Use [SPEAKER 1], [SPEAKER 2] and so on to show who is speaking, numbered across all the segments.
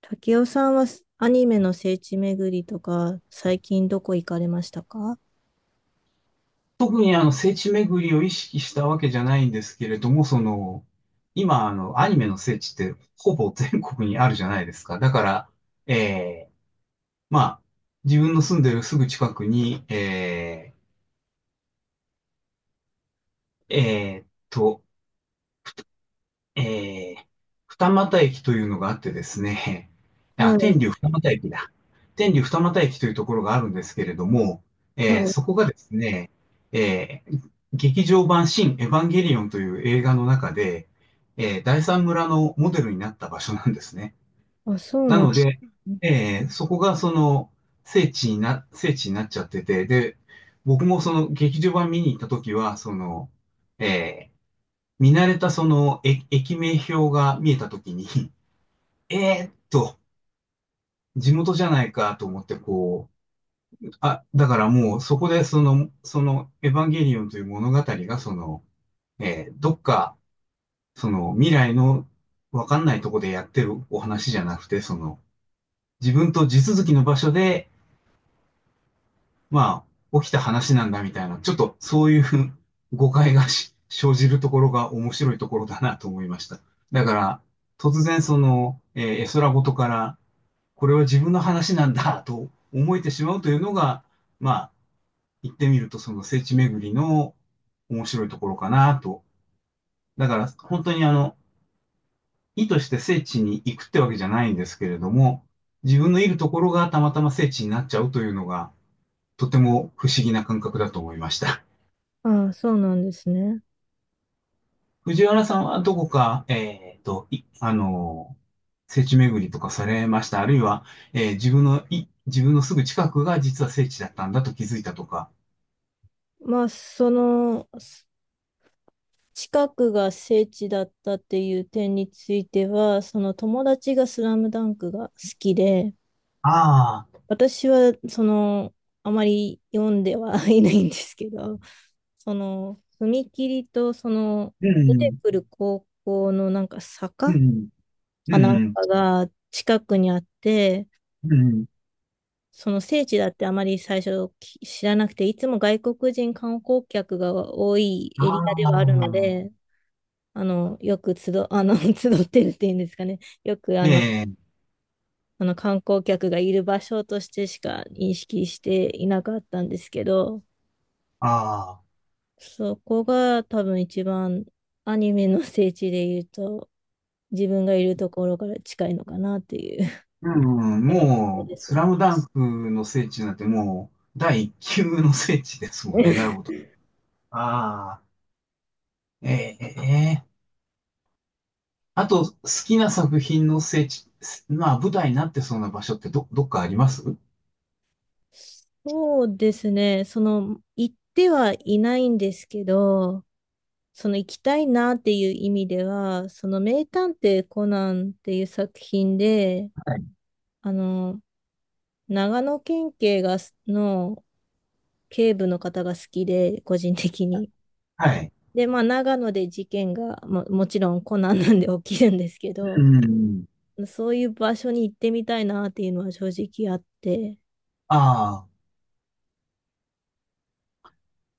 [SPEAKER 1] 竹雄さんはアニメの聖地巡りとか、最近どこ行かれましたか？
[SPEAKER 2] 特にあの聖地巡りを意識したわけじゃないんですけれども、その、今あのアニメの聖地ってほぼ全国にあるじゃないですか。だから、えーまあ、自分の住んでるすぐ近くに、ーえーっと、えー、二俣駅というのがあってですね、
[SPEAKER 1] は
[SPEAKER 2] あ、天
[SPEAKER 1] い、
[SPEAKER 2] 竜二俣駅だ。天竜二俣駅というところがあるんですけれども、
[SPEAKER 1] はい。
[SPEAKER 2] そこがですね、劇場版新エヴァンゲリオンという映画の中で、第三村のモデルになった場所なんですね。
[SPEAKER 1] あ、そう
[SPEAKER 2] な
[SPEAKER 1] な
[SPEAKER 2] の
[SPEAKER 1] ん、
[SPEAKER 2] で、そこがその聖地になっちゃってて、で、僕もその劇場版見に行った時は、その、えー見慣れたその駅名表が見えたときに、えーっと、地元じゃないかと思ってこう、あ、だからもうそこでそのエヴァンゲリオンという物語がその、どっか、その未来のわかんないとこでやってるお話じゃなくて、その、自分と地続きの場所でまあ、起きた話なんだみたいな、ちょっとそういう 誤解が生じるところが面白いところだなと思いました。だから、突然その、絵空事から、これは自分の話なんだと思えてしまうというのが、まあ、言ってみるとその聖地巡りの面白いところかなと。だから、本当にあの、意図して聖地に行くってわけじゃないんですけれども、自分のいるところがたまたま聖地になっちゃうというのが、とても不思議な感覚だと思いました。
[SPEAKER 1] あ、そうなんですね。
[SPEAKER 2] 藤原さんはどこか、あの、聖地巡りとかされました？あるいは、自分のすぐ近くが実は聖地だったんだと気づいたとか？
[SPEAKER 1] まあ、その、す近くが聖地だったっていう点については、その友達がスラムダンクが好きで、
[SPEAKER 2] ああ、
[SPEAKER 1] 私は、あまり読んでは いないんですけど、踏切と、
[SPEAKER 2] う
[SPEAKER 1] 出て
[SPEAKER 2] ん、
[SPEAKER 1] くる高校のなんか
[SPEAKER 2] う
[SPEAKER 1] 坂
[SPEAKER 2] ん、
[SPEAKER 1] か
[SPEAKER 2] う
[SPEAKER 1] なん
[SPEAKER 2] ん、
[SPEAKER 1] かが近くにあって、
[SPEAKER 2] うん、
[SPEAKER 1] その聖地だってあまり最初知らなくて、いつも外国人観光客が多い
[SPEAKER 2] あ
[SPEAKER 1] エリアで
[SPEAKER 2] あ、
[SPEAKER 1] はあるので、あの、よく集、あの、集ってるっていうんですかね。よくあ
[SPEAKER 2] え
[SPEAKER 1] の、
[SPEAKER 2] え、
[SPEAKER 1] あの観光客がいる場所としてしか認識していなかったんですけど、
[SPEAKER 2] ああ、
[SPEAKER 1] そこが多分一番アニメの聖地で言うと、自分がいるところから近いのかなっていう
[SPEAKER 2] うん、
[SPEAKER 1] 印象
[SPEAKER 2] もう、
[SPEAKER 1] です
[SPEAKER 2] ス
[SPEAKER 1] ね。
[SPEAKER 2] ラムダンクの聖地なんてもう、第一級の聖地ですもんね。なるほど。ああ、ええ、あと、好きな作品の聖地、まあ、舞台になってそうな場所ってどっかありますは
[SPEAKER 1] そうですね。行ってはいないんですけど、その行きたいなっていう意味では、その名探偵コナンっていう作品で、
[SPEAKER 2] い
[SPEAKER 1] あの、長野県警の警部の方が好きで、個人的に。
[SPEAKER 2] はい。
[SPEAKER 1] で、まあ、長野で事件がもちろんコナンなんで起きるんですけ
[SPEAKER 2] う
[SPEAKER 1] ど、
[SPEAKER 2] ん。
[SPEAKER 1] そういう場所に行ってみたいなっていうのは正直あって。
[SPEAKER 2] あ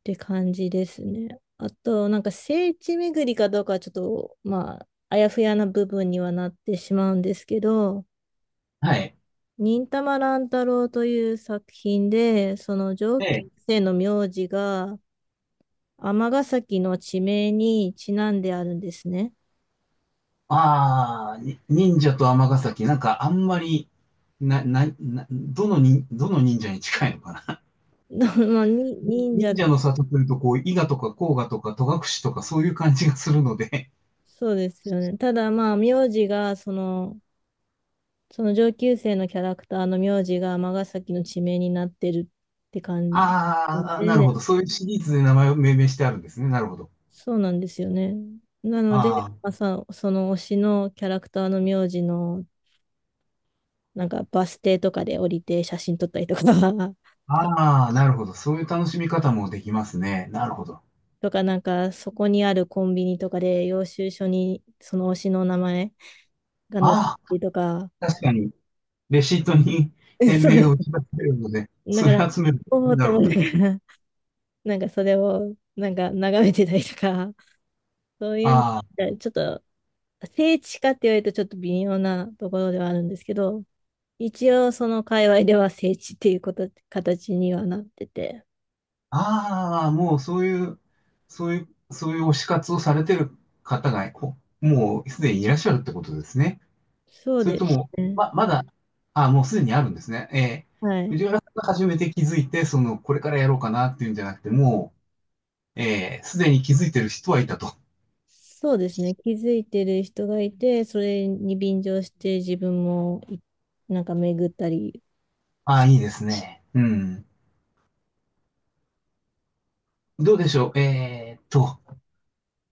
[SPEAKER 1] て感じですね。あと、なんか聖地巡りかどうかはちょっと、まあ、あやふやな部分にはなってしまうんですけど、
[SPEAKER 2] あ、はい。
[SPEAKER 1] 忍たま乱太郎という作品で、その上級
[SPEAKER 2] で、
[SPEAKER 1] 生の名字が尼崎の地名にちなんであるんですね。
[SPEAKER 2] ああ、忍者と尼崎、なんかあんまり、な、な、な、どのに、どの忍者に近いのかな。
[SPEAKER 1] まあ、に 忍者、
[SPEAKER 2] 忍者の里というと、こう、伊賀とか甲賀とか戸隠とかそういう感じがするので、
[SPEAKER 1] そうですよね。ただ、名字が、その、その上級生のキャラクターの名字が尼崎の地名になってるって 感じ
[SPEAKER 2] ああ、なる
[SPEAKER 1] で、
[SPEAKER 2] ほど。そういうシリーズで名前を命名してあるんですね。なるほど。
[SPEAKER 1] そうなんですよね。なので、
[SPEAKER 2] あ
[SPEAKER 1] その推しのキャラクターの名字の、なんかバス停とかで降りて写真撮ったりとか、
[SPEAKER 2] あ、
[SPEAKER 1] た
[SPEAKER 2] ああ、なるほど。そういう楽しみ方もできますね。なるほど。
[SPEAKER 1] か、なんかそこにあるコンビニとかで領収書にその推しの名前が載ってた
[SPEAKER 2] ああ、
[SPEAKER 1] りとか、
[SPEAKER 2] 確かに。レシートに 店
[SPEAKER 1] そう
[SPEAKER 2] 名
[SPEAKER 1] で
[SPEAKER 2] が打
[SPEAKER 1] す。
[SPEAKER 2] ち出されるので、
[SPEAKER 1] だ
[SPEAKER 2] そ
[SPEAKER 1] か
[SPEAKER 2] れ
[SPEAKER 1] ら、
[SPEAKER 2] 集める。
[SPEAKER 1] おお
[SPEAKER 2] な
[SPEAKER 1] と
[SPEAKER 2] るほ
[SPEAKER 1] 思い
[SPEAKER 2] ど。
[SPEAKER 1] ながら、なんかそれをなんか眺めてたりとか、そういう、
[SPEAKER 2] あ
[SPEAKER 1] ちょっと聖地かって言われるとちょっと微妙なところではあるんですけど、一応その界隈では聖地っていうこと、形にはなってて。
[SPEAKER 2] あ、ああ、もうそういう、そういう、そういう推し活をされてる方が、もうすでにいらっしゃるってことですね。
[SPEAKER 1] そう
[SPEAKER 2] それ
[SPEAKER 1] で
[SPEAKER 2] とも、
[SPEAKER 1] すね。
[SPEAKER 2] まだ、ああ、もうすでにあるんですね。ええ、
[SPEAKER 1] はい。
[SPEAKER 2] 藤原さんが初めて気づいて、その、これからやろうかなっていうんじゃなくて、もう、ええ、すでに気づいてる人はいたと。
[SPEAKER 1] そうですね。気づいてる人がいて、それに便乗して自分もなんか巡ったり。
[SPEAKER 2] ああ、いいですね。うん。どうでしょう。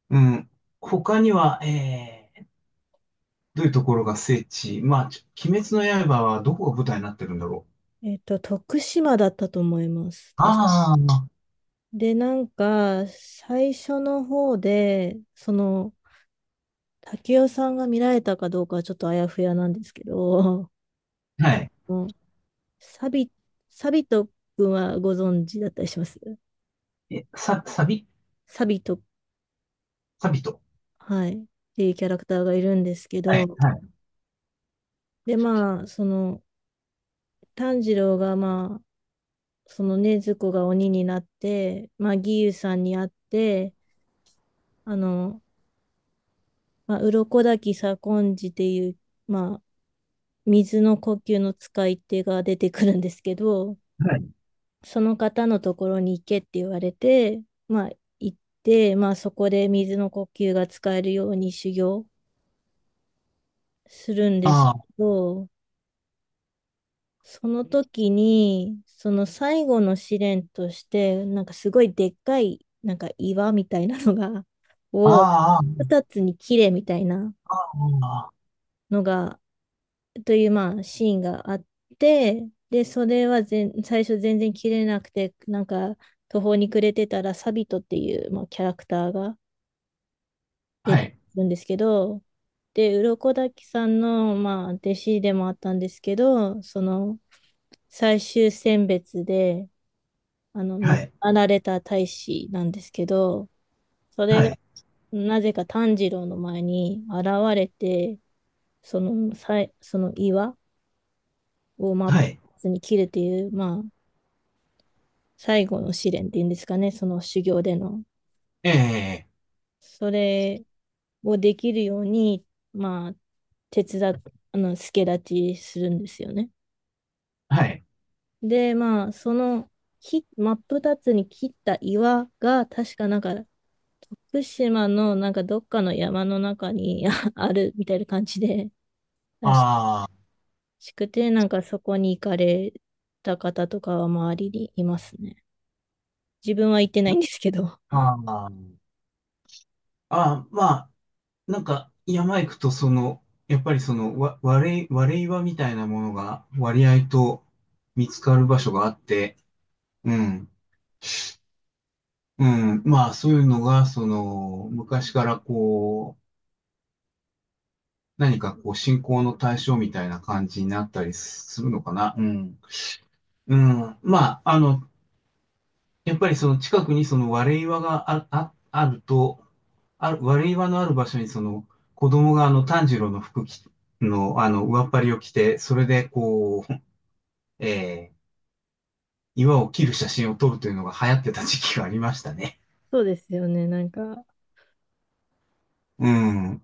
[SPEAKER 2] うん。他には、どういうところが聖地まあ、鬼滅の刃はどこが舞台になってるんだろ
[SPEAKER 1] えっと、徳島だったと思います。確か
[SPEAKER 2] ああ、
[SPEAKER 1] で、なんか、最初の方で、その、竹雄さんが見られたかどうかはちょっとあやふやなんですけど、
[SPEAKER 2] う。はい。
[SPEAKER 1] もうサビ、サビト君はご存知だったりします？
[SPEAKER 2] え、さ、サビ
[SPEAKER 1] サビト、
[SPEAKER 2] サビと。
[SPEAKER 1] はい、っていうキャラクターがいるんですけ
[SPEAKER 2] はい、
[SPEAKER 1] ど、
[SPEAKER 2] はい、
[SPEAKER 1] で、まあ、その、炭治郎が、まあ、そのね、禰豆子が鬼になって、まあ、義勇さんに会って、あの、まあ、鱗滝左近次っていう、まあ、水の呼吸の使い手が出てくるんですけど、
[SPEAKER 2] はい。
[SPEAKER 1] その方のところに行けって言われて、まあ、行って、まあ、そこで水の呼吸が使えるように修行するんですけ
[SPEAKER 2] ああ
[SPEAKER 1] ど、その時に、その最後の試練として、なんかすごいでっかい、なんか岩みたいなのが、を
[SPEAKER 2] あああ
[SPEAKER 1] 二つに切れみたいな
[SPEAKER 2] あ
[SPEAKER 1] のが、というまあシーンがあって、で、それは最初全然切れなくて、なんか途方に暮れてたらサビトっていう、まあ、キャラクターが出
[SPEAKER 2] は
[SPEAKER 1] てく
[SPEAKER 2] い、
[SPEAKER 1] るんですけど、で、鱗滝さんの、まあ、弟子でもあったんですけど、その最終選別で、あの、
[SPEAKER 2] は
[SPEAKER 1] 亡く
[SPEAKER 2] い、
[SPEAKER 1] なられた大使なんですけど、そ
[SPEAKER 2] は
[SPEAKER 1] れが
[SPEAKER 2] い、
[SPEAKER 1] なぜか炭治郎の前に現れて、その岩を真っ
[SPEAKER 2] はい。
[SPEAKER 1] 二つに切るっていう、まあ、最後の試練っていうんですかね、その修行での。
[SPEAKER 2] ええ、
[SPEAKER 1] それをできるように、まあ、手伝っ、あの、助太刀するんですよね。
[SPEAKER 2] はい。
[SPEAKER 1] で、まあ、その、真っ二つに切った岩が、確かなんか、福島のなんかどっかの山の中にあ あるみたいな感じでらし
[SPEAKER 2] あ
[SPEAKER 1] くて、なんかそこに行かれた方とかは周りにいますね。自分は行ってないんですけど。
[SPEAKER 2] ー、あああああまあ、なんか、山行くと、その、やっぱりその、わ、割れ、割れ岩みたいなものが割合と見つかる場所があって、うん。うん、まあそういうのが、その、昔からこう、何かこう信仰の対象みたいな感じになったりするのかな。うん。うん。まあ、あの、やっぱりその近くにその割れ岩があると、割れ岩のある場所にその子供があの炭治郎の服着の、あの、上っ張りを着て、それでこう、えー岩を切る写真を撮るというのが流行ってた時期がありましたね。
[SPEAKER 1] そうですよね。なんか、
[SPEAKER 2] うん。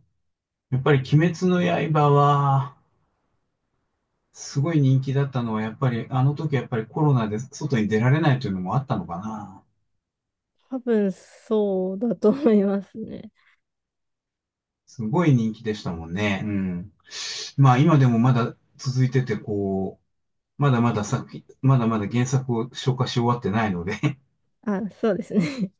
[SPEAKER 2] やっぱり鬼滅の刃は、すごい人気だったのは、やっぱり、あの時やっぱりコロナで外に出られないというのもあったのかな。
[SPEAKER 1] 多分そうだと思いますね。
[SPEAKER 2] すごい人気でしたもんね。うん。まあ今でもまだ続いてて、こう、まだまだ作品、まだまだ原作を消化し終わってないので、
[SPEAKER 1] あ、そうですね。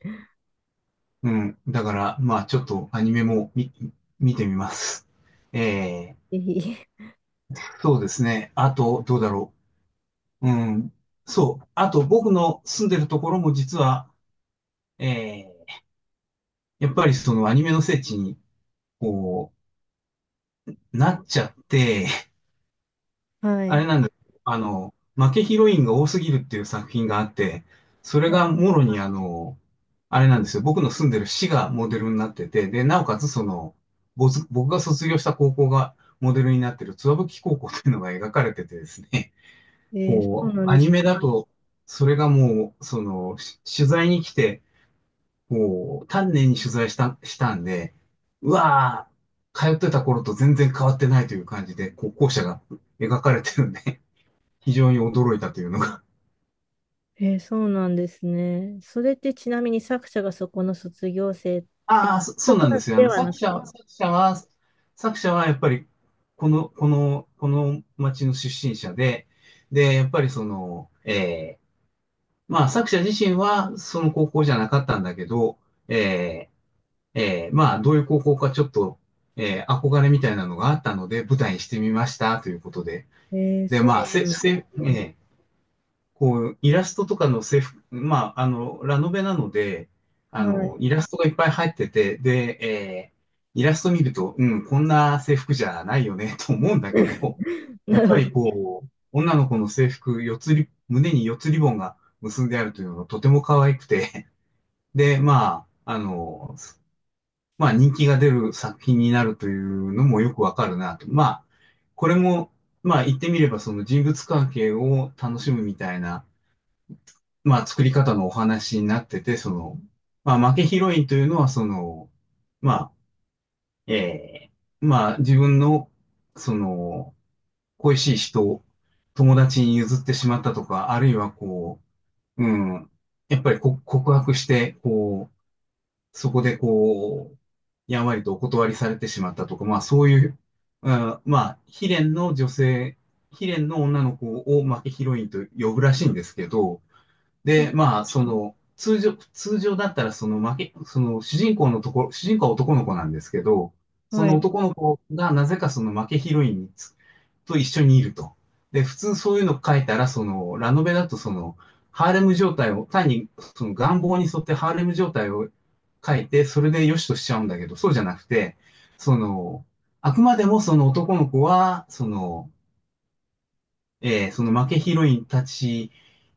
[SPEAKER 2] うん。だから、まあちょっとアニメも見てみます。え
[SPEAKER 1] ぜひ。
[SPEAKER 2] そうですね。あと、どうだろう。うん。そう。あと、僕の住んでるところも実は、えやっぱりそのアニメの聖地に、こう、なっちゃって、
[SPEAKER 1] は
[SPEAKER 2] あ
[SPEAKER 1] い。
[SPEAKER 2] れなんだ、あの、負けヒロインが多すぎるっていう作品があって、それが
[SPEAKER 1] は
[SPEAKER 2] もろにあの、あれなんですよ、僕の住んでる市がモデルになってて、で、なおかつその、僕が卒業した高校がモデルになってる津和吹高校っていうのが描かれててですね、
[SPEAKER 1] い。えーそ
[SPEAKER 2] こ
[SPEAKER 1] う
[SPEAKER 2] う、
[SPEAKER 1] なん
[SPEAKER 2] ア
[SPEAKER 1] で
[SPEAKER 2] ニ
[SPEAKER 1] す。
[SPEAKER 2] メだと、それがもう、その、取材に来て、もう、丹念に取材したんで、うわー、通ってた頃と全然変わってないという感じで、こう、校舎が描かれてるんで、非常に驚いたというのが。
[SPEAKER 1] えーそうなんですね。それってちなみに作者がそこの卒業生
[SPEAKER 2] ああ、そそ
[SPEAKER 1] と
[SPEAKER 2] う
[SPEAKER 1] か
[SPEAKER 2] なんですよ。あ
[SPEAKER 1] で
[SPEAKER 2] の、
[SPEAKER 1] はな
[SPEAKER 2] 作
[SPEAKER 1] く
[SPEAKER 2] 者
[SPEAKER 1] て。
[SPEAKER 2] は、作者は、作者はやっぱり、この町の出身者で、で、やっぱりその、まあ、作者自身はその高校じゃなかったんだけど、えーまあ、どういう高校かちょっと、憧れみたいなのがあったので、舞台にしてみました、ということで。
[SPEAKER 1] えー
[SPEAKER 2] で、
[SPEAKER 1] そ
[SPEAKER 2] まあ、えー
[SPEAKER 1] う
[SPEAKER 2] せ、
[SPEAKER 1] なん
[SPEAKER 2] せ、
[SPEAKER 1] で
[SPEAKER 2] え
[SPEAKER 1] すね。
[SPEAKER 2] ーこう、イラストとかの制服、まあ、あの、ラノベなので、あ
[SPEAKER 1] は
[SPEAKER 2] の、イ
[SPEAKER 1] い。
[SPEAKER 2] ラストがいっぱい入ってて、で、イラスト見ると、うん、こんな制服じゃないよね、と思うんだ けど、や
[SPEAKER 1] な
[SPEAKER 2] っ
[SPEAKER 1] るほ
[SPEAKER 2] ぱり
[SPEAKER 1] ど。
[SPEAKER 2] こう、女の子の制服、四つり、胸に四つリボンが結んであるというのがとても可愛くて、で、まあ、あの、まあ人気が出る作品になるというのもよくわかるなと。まあ、これも、まあ言ってみればその人物関係を楽しむみたいな、まあ作り方のお話になってて、その、まあ負けヒロインというのはその、まあ、えまあ自分の、その、恋しい人を友達に譲ってしまったとか、あるいはこう、うん、やっぱり告白して、こう、そこでこう、やんわりとお断りされてしまったとか、まあそういう、うんまあ、悲恋の女の子を、まあ、ヒロインと呼ぶらしいんですけど、
[SPEAKER 1] そう
[SPEAKER 2] で、
[SPEAKER 1] な
[SPEAKER 2] まあ、そ
[SPEAKER 1] んですね。
[SPEAKER 2] の、通常だったら、その負け、その主人公のところ、主人公は男の子なんですけど、そ
[SPEAKER 1] は
[SPEAKER 2] の
[SPEAKER 1] い。
[SPEAKER 2] 男の子がなぜかその負けヒロインにと一緒にいると。で、普通そういうの書いたら、その、ラノベだとその、ハーレム状態を、単にその願望に沿ってハーレム状態を書いて、それで良しとしちゃうんだけど、そうじゃなくて、その、あくまでもその男の子は、その、その負けヒロインたち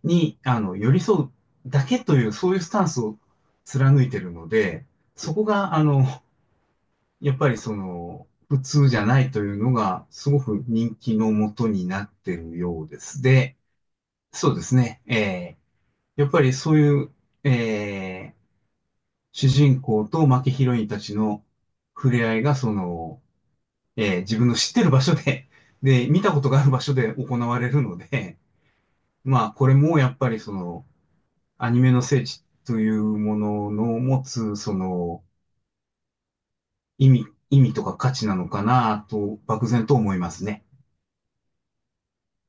[SPEAKER 2] に、あの、寄り添うだけという、そういうスタンスを貫いてるので、そこが、あの、やっぱりその、普通じゃないというのが、すごく人気のもとになってるようです。で、そうですね。やっぱりそういう、えー主人公と負けヒロインたちの触れ合いが、その、自分の知ってる場所で、で、見たことがある場所で行われるので、まあ、これもやっぱりその、アニメの聖地というものの持つ、その、意味とか価値なのかなと、漠然と思いますね。